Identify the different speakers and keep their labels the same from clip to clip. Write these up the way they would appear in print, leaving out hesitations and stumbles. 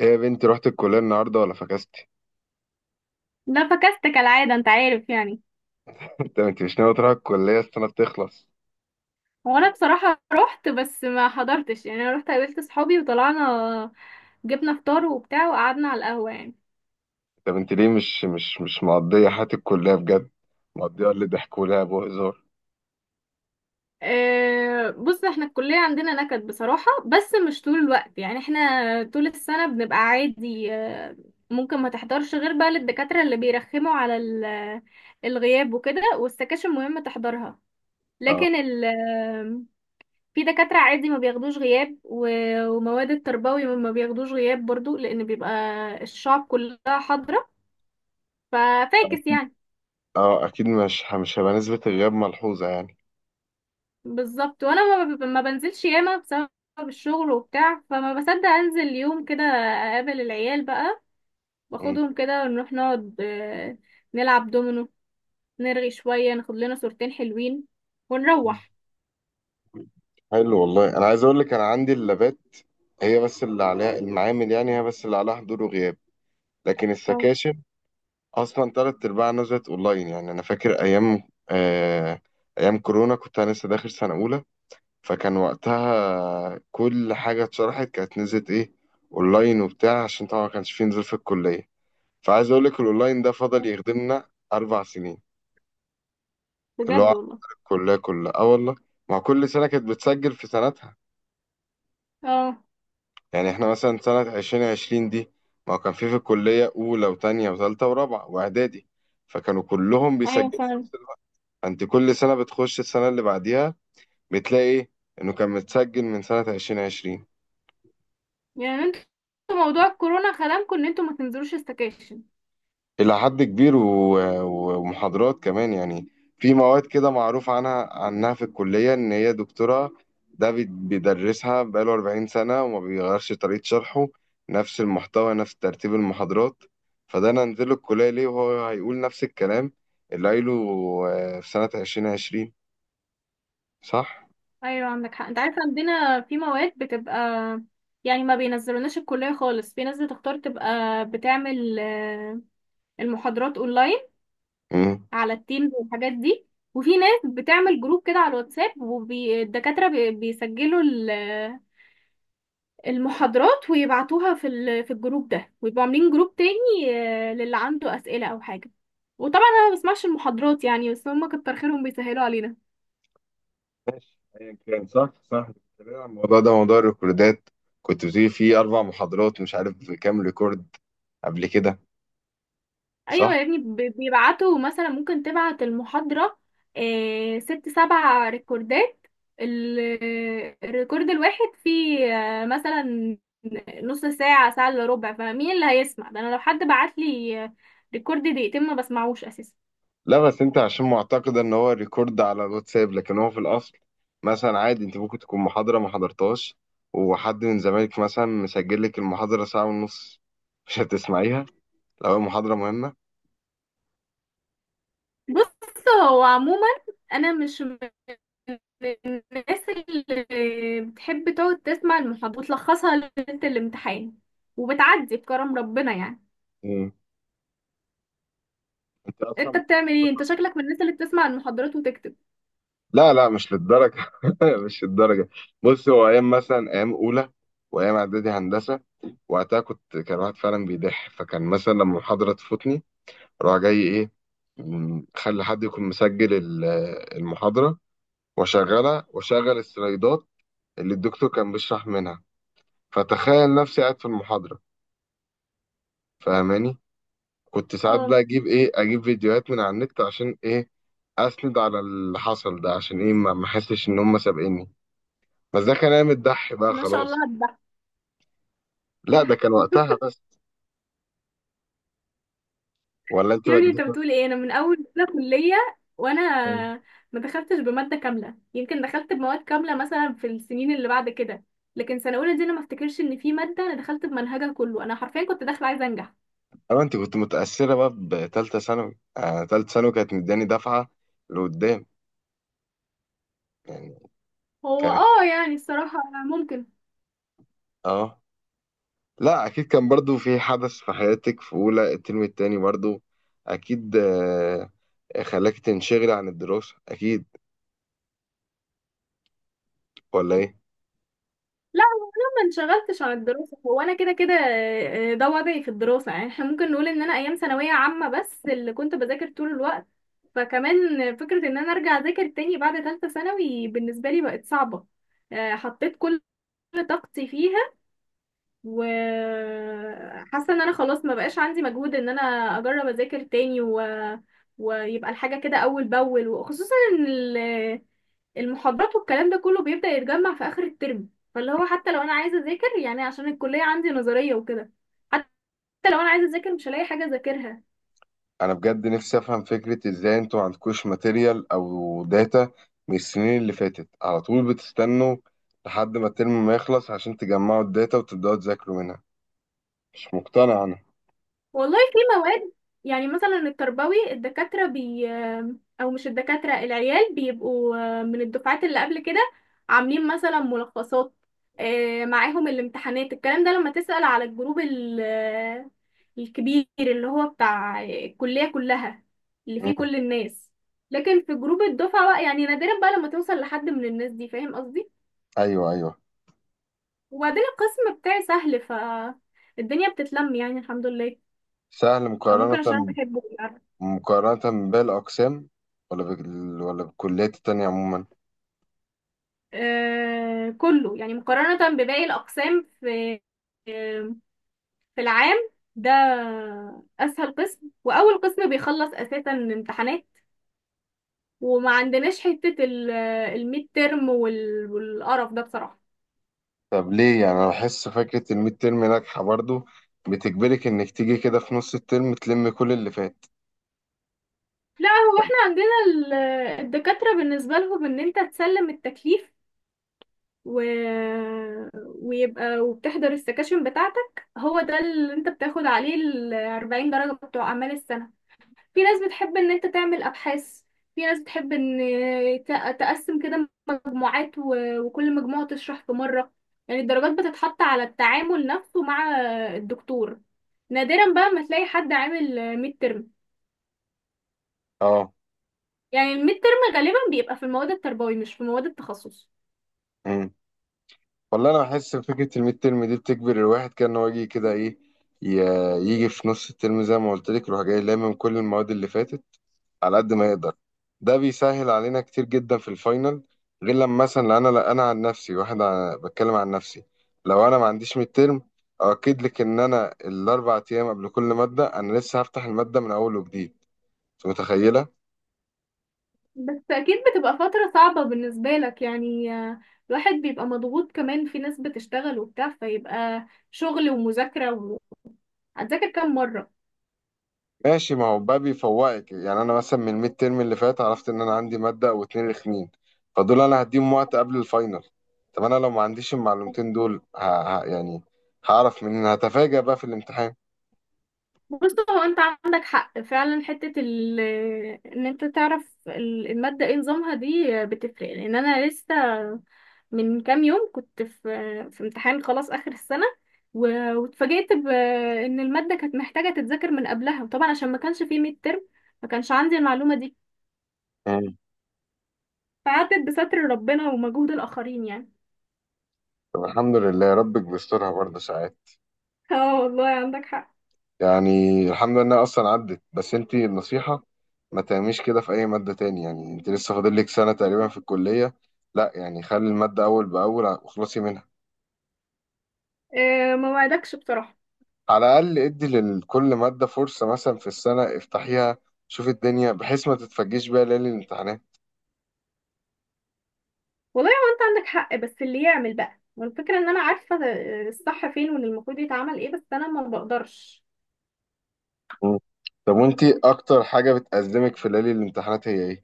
Speaker 1: ايه يا بنتي، رحت الكلية النهاردة ولا فكستي؟
Speaker 2: لا فكست كالعادة، انت عارف يعني.
Speaker 1: انت مش ناوي تروح الكلية السنة تخلص.
Speaker 2: وانا بصراحة رحت بس ما حضرتش يعني، انا رحت قابلت صحابي وطلعنا، جبنا فطار وبتاع وقعدنا على القهوة يعني.
Speaker 1: طب انت بنتي، ليه مش مقضية حياة الكلية بجد؟ مقضية اللي ضحك ولعب وهزار.
Speaker 2: أه بص، احنا الكلية عندنا نكد بصراحة، بس مش طول الوقت يعني. احنا طول السنة بنبقى عادي، ممكن ما تحضرش غير بقى للدكاترة اللي بيرخموا على الغياب وكده، والسكاشن مهم تحضرها.
Speaker 1: اه،
Speaker 2: لكن ال في دكاترة عادي ما بياخدوش غياب، ومواد التربوي ما بياخدوش غياب برضو، لأن بيبقى الشعب كلها حاضرة ففاكس يعني.
Speaker 1: اه، اكيد مش هيبقى نسبة الغياب ملحوظة يعني.
Speaker 2: بالظبط، وأنا ما بنزلش ياما بسبب الشغل وبتاع، فما بصدق أنزل يوم كده أقابل العيال بقى،
Speaker 1: مم.
Speaker 2: واخدهم كده ونروح نقعد، نلعب دومينو، نرغي شوية، ناخد لنا صورتين حلوين ونروح.
Speaker 1: حلو والله، انا عايز اقول لك انا عندي اللابات، هي بس اللي عليها المعامل، يعني هي بس اللي عليها حضور وغياب. لكن
Speaker 2: اه
Speaker 1: السكاشن اصلا تلات ارباعها نزلت اونلاين، يعني انا فاكر ايام، آه، ايام كورونا كنت انا لسه داخل سنة اولى، فكان وقتها كل حاجة اتشرحت كانت نزلت ايه، اونلاين وبتاع، عشان طبعا ما كانش فيه نزول في الكلية. فعايز اقول لك الاونلاين ده فضل يخدمنا 4 سنين، اللي
Speaker 2: بجد
Speaker 1: هو
Speaker 2: والله.
Speaker 1: الكلية كلها. اه والله، مع كل سنة كانت بتسجل في سنتها.
Speaker 2: اه.
Speaker 1: يعني احنا مثلا سنة 2020 دي، ما هو كان في الكلية أولى وتانية وتالتة ورابعة وإعدادي، فكانوا كلهم بيسجلوا
Speaker 2: ايوه
Speaker 1: في
Speaker 2: فعلا.
Speaker 1: نفس الوقت. فأنت كل سنة بتخش السنة اللي بعديها، بتلاقي إيه؟ إنه كان متسجل من سنة 2020،
Speaker 2: يعني انتوا موضوع الكورونا خدمكم ان انتوا ما تنزلوش استكاشن.
Speaker 1: إلى حد كبير، ومحاضرات كمان يعني. في مواد كده معروف عنها في الكلية إن هي دكتورة، ده بيدرسها بقاله 40 سنة، وما بيغيرش طريقة شرحه، نفس المحتوى، نفس ترتيب المحاضرات. فده أنا أنزله الكلية ليه، وهو هيقول نفس الكلام اللي قايله، في سنة 2020، صح؟
Speaker 2: ايوه عندك حق، انت عارفه عندنا في مواد بتبقى يعني ما بينزلوناش الكليه خالص، في ناس بتختار تبقى بتعمل المحاضرات اونلاين
Speaker 1: مم.
Speaker 2: على التيمز والحاجات دي. وفي ناس بتعمل جروب كده على الواتساب، والدكاتره بيسجلوا المحاضرات ويبعتوها في الجروب ده، ويبقوا عاملين جروب تاني للي عنده اسئله او حاجه. وطبعا انا ما بسمعش المحاضرات يعني، بس هم كتر خيرهم بيسهلوا علينا.
Speaker 1: ماشي، أيا كان. صح، صح، بتتكلم عن الموضوع ده، موضوع الريكوردات. كنت بتقولي فيه 4 محاضرات، مش عارف كام ريكورد قبل كده، صح؟
Speaker 2: ايوه يا ابني، بيبعتوا مثلا، ممكن تبعت المحاضرة ست سبع ريكوردات. ال- الريكورد الواحد فيه مثلا نص ساعة، ساعة الا ربع. فمين اللي هيسمع ده؟ انا لو حد بعت لي ريكورد دقيقتين ما بسمعوش اساسا.
Speaker 1: لا، بس انت عشان معتقد ان هو ريكورد على الواتساب، لكن هو في الاصل مثلا عادي انت ممكن تكون محاضرة ما حضرتهاش، وحد من زمايلك مثلا مسجل لك المحاضرة ساعة ونص. مش هتسمعيها لو هي محاضرة مهمة.
Speaker 2: بص هو عموما، انا مش من الناس اللي بتحب تقعد تسمع المحاضرة وتلخصها ليلة الامتحان، وبتعدي بكرم ربنا يعني.
Speaker 1: مم. انت
Speaker 2: انت
Speaker 1: اصلا.
Speaker 2: بتعمل ايه؟ انت شكلك من الناس اللي بتسمع المحاضرات وتكتب.
Speaker 1: لا، لا، مش للدرجة. مش للدرجة. بص، هو ايام مثلا، ايام اولى، وايام اعدادي هندسة، وقتها كنت كان واحد فعلا بيضح، فكان مثلا لما المحاضرة تفوتني اروح جاي ايه، خلي حد يكون مسجل المحاضرة، وشغلها، وشغل السلايدات اللي الدكتور كان بيشرح منها، فتخيل نفسي قاعد في المحاضرة، فاهماني. كنت ساعات
Speaker 2: اه.
Speaker 1: بقى اجيب ايه، اجيب فيديوهات من على النت، عشان ايه؟ اسند على اللي حصل ده، عشان ايه؟ ما احسش ان هم سابقيني. بس ده كان ايام الدح بقى
Speaker 2: ما شاء الله
Speaker 1: خلاص.
Speaker 2: على الضحك.
Speaker 1: لا، ده كان وقتها بس، ولا انت
Speaker 2: يا
Speaker 1: بقى
Speaker 2: ابني انت
Speaker 1: جديد.
Speaker 2: بتقول ايه؟ انا من اول سنه كليه وانا ما دخلتش بماده كامله، يمكن دخلت بمواد كامله مثلا في السنين اللي بعد كده، لكن سنه اولى دي انا ما افتكرش ان في ماده انا دخلت بمنهجها كله، انا حرفيا كنت داخله عايزه انجح.
Speaker 1: اما انت كنت متأثرة بقى بتالتة ثانوي، تالتة ثانوي كانت مداني دفعة لقدام يعني،
Speaker 2: هو
Speaker 1: كانت.
Speaker 2: اه يعني الصراحه ممكن.
Speaker 1: اه، لا، اكيد كان برضو في حدث في حياتك في اولى الترم التاني برضو، اكيد، خلاك تنشغل عن الدراسة، اكيد، ولا ايه؟
Speaker 2: انشغلتش عن الدراسة، هو انا كده كده، ده وضعي في الدراسة يعني. احنا ممكن نقول ان انا ايام ثانوية عامة بس اللي كنت بذاكر طول الوقت، فكمان فكرة ان انا ارجع اذاكر تاني بعد ثالثة ثانوي بالنسبة لي بقت صعبة. حطيت كل طاقتي فيها، وحاسة ان انا خلاص ما بقاش عندي مجهود ان انا اجرب اذاكر تاني، و... ويبقى الحاجة كده اول باول، وخصوصا ان ال... المحاضرات والكلام ده كله بيبدأ يتجمع في آخر الترم. فاللي هو حتى لو أنا عايزة أذاكر يعني، عشان الكلية عندي نظرية وكده، حتى لو أنا عايزة أذاكر مش هلاقي حاجة أذاكرها.
Speaker 1: انا بجد نفسي افهم فكرة، ازاي انتوا عندكوش ماتيريال او داتا من السنين اللي فاتت، على طول بتستنوا لحد ما الترم ما يخلص عشان تجمعوا الداتا وتبدأوا تذاكروا منها، مش مقتنع انا.
Speaker 2: والله في مواد يعني مثلا التربوي، الدكاترة بي، أو مش الدكاترة، العيال بيبقوا من الدفعات اللي قبل كده عاملين مثلا ملخصات، معاهم الامتحانات. الكلام ده لما تسأل على الجروب الكبير اللي هو بتاع الكلية كلها، اللي فيه
Speaker 1: مم.
Speaker 2: كل الناس. لكن في جروب الدفعة بقى يعني، نادرا بقى لما توصل لحد من الناس دي. فاهم قصدي؟
Speaker 1: ايوه، ايوه.
Speaker 2: وبعدين القسم بتاعي سهل، فالدنيا بتتلم يعني، الحمد لله.
Speaker 1: سهل
Speaker 2: او ممكن
Speaker 1: مقارنة،
Speaker 2: عشان أنا بحبه.
Speaker 1: مقارنة باقي الاقسام، ولا بالكليات التانية عموما.
Speaker 2: كله يعني مقارنة بباقي الأقسام في آه، في العام ده أسهل قسم، وأول قسم بيخلص أساسا امتحانات. وما عندناش حتة الميد ترم والقرف ده بصراحة.
Speaker 1: طب ليه؟ يعني انا بحس فكره الميد ترم ناجحه برضو، بتجبرك انك تيجي كده في نص الترم تلم كل اللي فات.
Speaker 2: لا، هو احنا عندنا الدكاترة بالنسبة لهم إن أنت تسلم التكليف، و... ويبقى وبتحضر السكاشن بتاعتك، هو ده اللي أنت بتاخد عليه 40 درجة بتوع أعمال السنة. في ناس بتحب ان انت تعمل ابحاث، في ناس بتحب ان تقسم كده مجموعات، وكل مجموعة تشرح في مرة. يعني الدرجات بتتحط على التعامل نفسه مع الدكتور. نادرا بقى ما تلاقي حد عامل ميد ترم،
Speaker 1: اه،
Speaker 2: يعني الميد ترم غالبا بيبقى في المواد التربوي مش في مواد التخصص.
Speaker 1: امم والله انا بحس فكره الميد ترم دي بتجبر الواحد كده ان هو يجي كده ايه، ي- يجي في نص الترم زي ما قلت لك، يروح جاي لامم كل المواد اللي فاتت على قد ما يقدر، ده بيسهل علينا كتير جدا في الفاينل. غير لما مثلا انا، لا انا عن نفسي، واحد، بتكلم عن نفسي، لو انا ما عنديش ميد ترم، اؤكد لك ان انا الاربع ايام قبل كل ماده انا لسه هفتح الماده من اول وجديد. أنت متخيله؟
Speaker 2: بس اكيد بتبقى فترة صعبة بالنسبة لك يعني، الواحد بيبقى مضغوط، كمان في ناس بتشتغل وبتاع، فيبقى شغل ومذاكرة. و... هتذاكر كام مرة؟
Speaker 1: ماشي، ما هو بقى بيفوقك. يعني انا مثلا من الميد تيرم اللي فات عرفت ان انا عندي ماده او اتنين رخمين، فدول انا هديهم وقت قبل الفاينل. طب انا لو ما عنديش المعلومتين دول، يعني هعرف منين؟ هتفاجأ بقى في الامتحان.
Speaker 2: بص، هو انت عندك حق فعلا، حتة ان انت تعرف المادة ايه نظامها دي بتفرق. لان انا لسه من كام يوم كنت في في امتحان خلاص اخر السنة، واتفاجئت بان المادة كانت محتاجة تتذاكر من قبلها، وطبعا عشان ما كانش فيه ميد ترم ما كانش عندي المعلومة دي،
Speaker 1: مم.
Speaker 2: فعدت بستر ربنا ومجهود الاخرين يعني.
Speaker 1: طب الحمد لله، ربك بيسترها برضه ساعات.
Speaker 2: اه والله عندك حق.
Speaker 1: يعني الحمد لله انها اصلا عدت، بس انت النصيحه ما تعمليش كده في اي ماده تاني، يعني انت لسه فاضل لك سنه تقريبا في الكليه، لا يعني خلي الماده اول باول واخلصي منها.
Speaker 2: اه، ما وعدكش بصراحة.
Speaker 1: على الأقل ادي لكل مادة فرصة، مثلا في السنة افتحيها، شوف الدنيا، بحيث ما تتفاجئيش بيها ليالي الامتحانات.
Speaker 2: والله هو انت عندك حق، بس اللي يعمل بقى. والفكرة ان انا عارفة الصح فين، واللي المفروض يتعمل ايه، بس انا ما بقدرش.
Speaker 1: مم. طب وانتي أكتر حاجة بتأزمك في ليالي الامتحانات هي ايه؟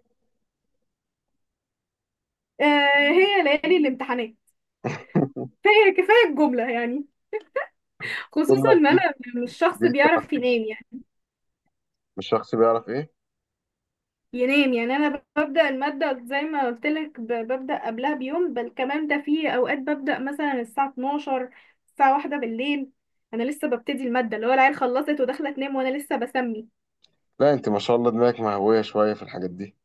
Speaker 2: آه هي ليالي الامتحانات. كفاية كفاية الجملة يعني. خصوصا
Speaker 1: جملة
Speaker 2: ان
Speaker 1: دي.
Speaker 2: انا مش
Speaker 1: دي
Speaker 2: شخص بيعرف
Speaker 1: تنفس.
Speaker 2: ينام يعني.
Speaker 1: مش شخص بيعرف ايه؟
Speaker 2: انا ببدأ المادة زي ما قلت لك، ببدأ قبلها بيوم، بل كمان ده في اوقات ببدأ مثلا الساعة 12، الساعة واحدة بالليل، انا لسه ببتدي المادة، اللي هو العيال خلصت وداخلة تنام وانا لسه بسمي.
Speaker 1: لا، انت ما شاء الله دماغك مهوية شوية في الحاجات دي،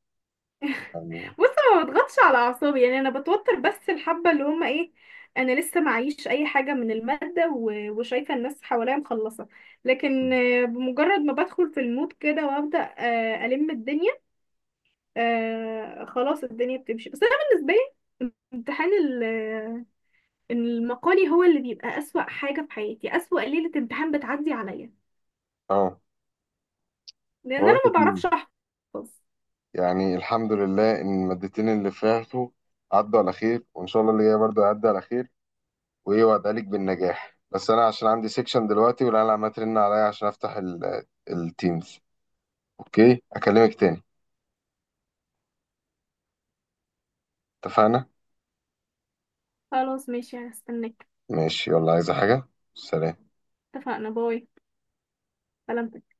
Speaker 1: يعني.
Speaker 2: بص، ما بضغطش على اعصابي يعني، انا بتوتر بس الحبه اللي هم ايه، انا لسه معيش اي حاجه من الماده، وشايفه الناس حواليا مخلصه. لكن
Speaker 1: مم.
Speaker 2: بمجرد ما بدخل في المود كده وابدا الم الدنيا، خلاص الدنيا بتمشي. بس انا بالنسبه لي امتحان المقالي هو اللي بيبقى اسوأ حاجه في حياتي، اسوأ ليله امتحان بتعدي عليا،
Speaker 1: اه،
Speaker 2: لان
Speaker 1: بقول
Speaker 2: انا
Speaker 1: لك
Speaker 2: ما
Speaker 1: ايه،
Speaker 2: بعرفش احفظ.
Speaker 1: يعني الحمد لله ان المادتين اللي فاتوا عدوا على خير، وان شاء الله اللي جاي برضه هيعدي على خير، وايه، وادعيلك بالنجاح، بس انا عشان عندي سيكشن دلوقتي والعيال عماله ترن عليا عشان افتح التيمز. اوكي، اكلمك تاني، اتفقنا.
Speaker 2: خلاص ماشي، هستناك.
Speaker 1: ماشي، يلا، عايزة حاجة. سلام.
Speaker 2: اتفقنا. باي. سلام.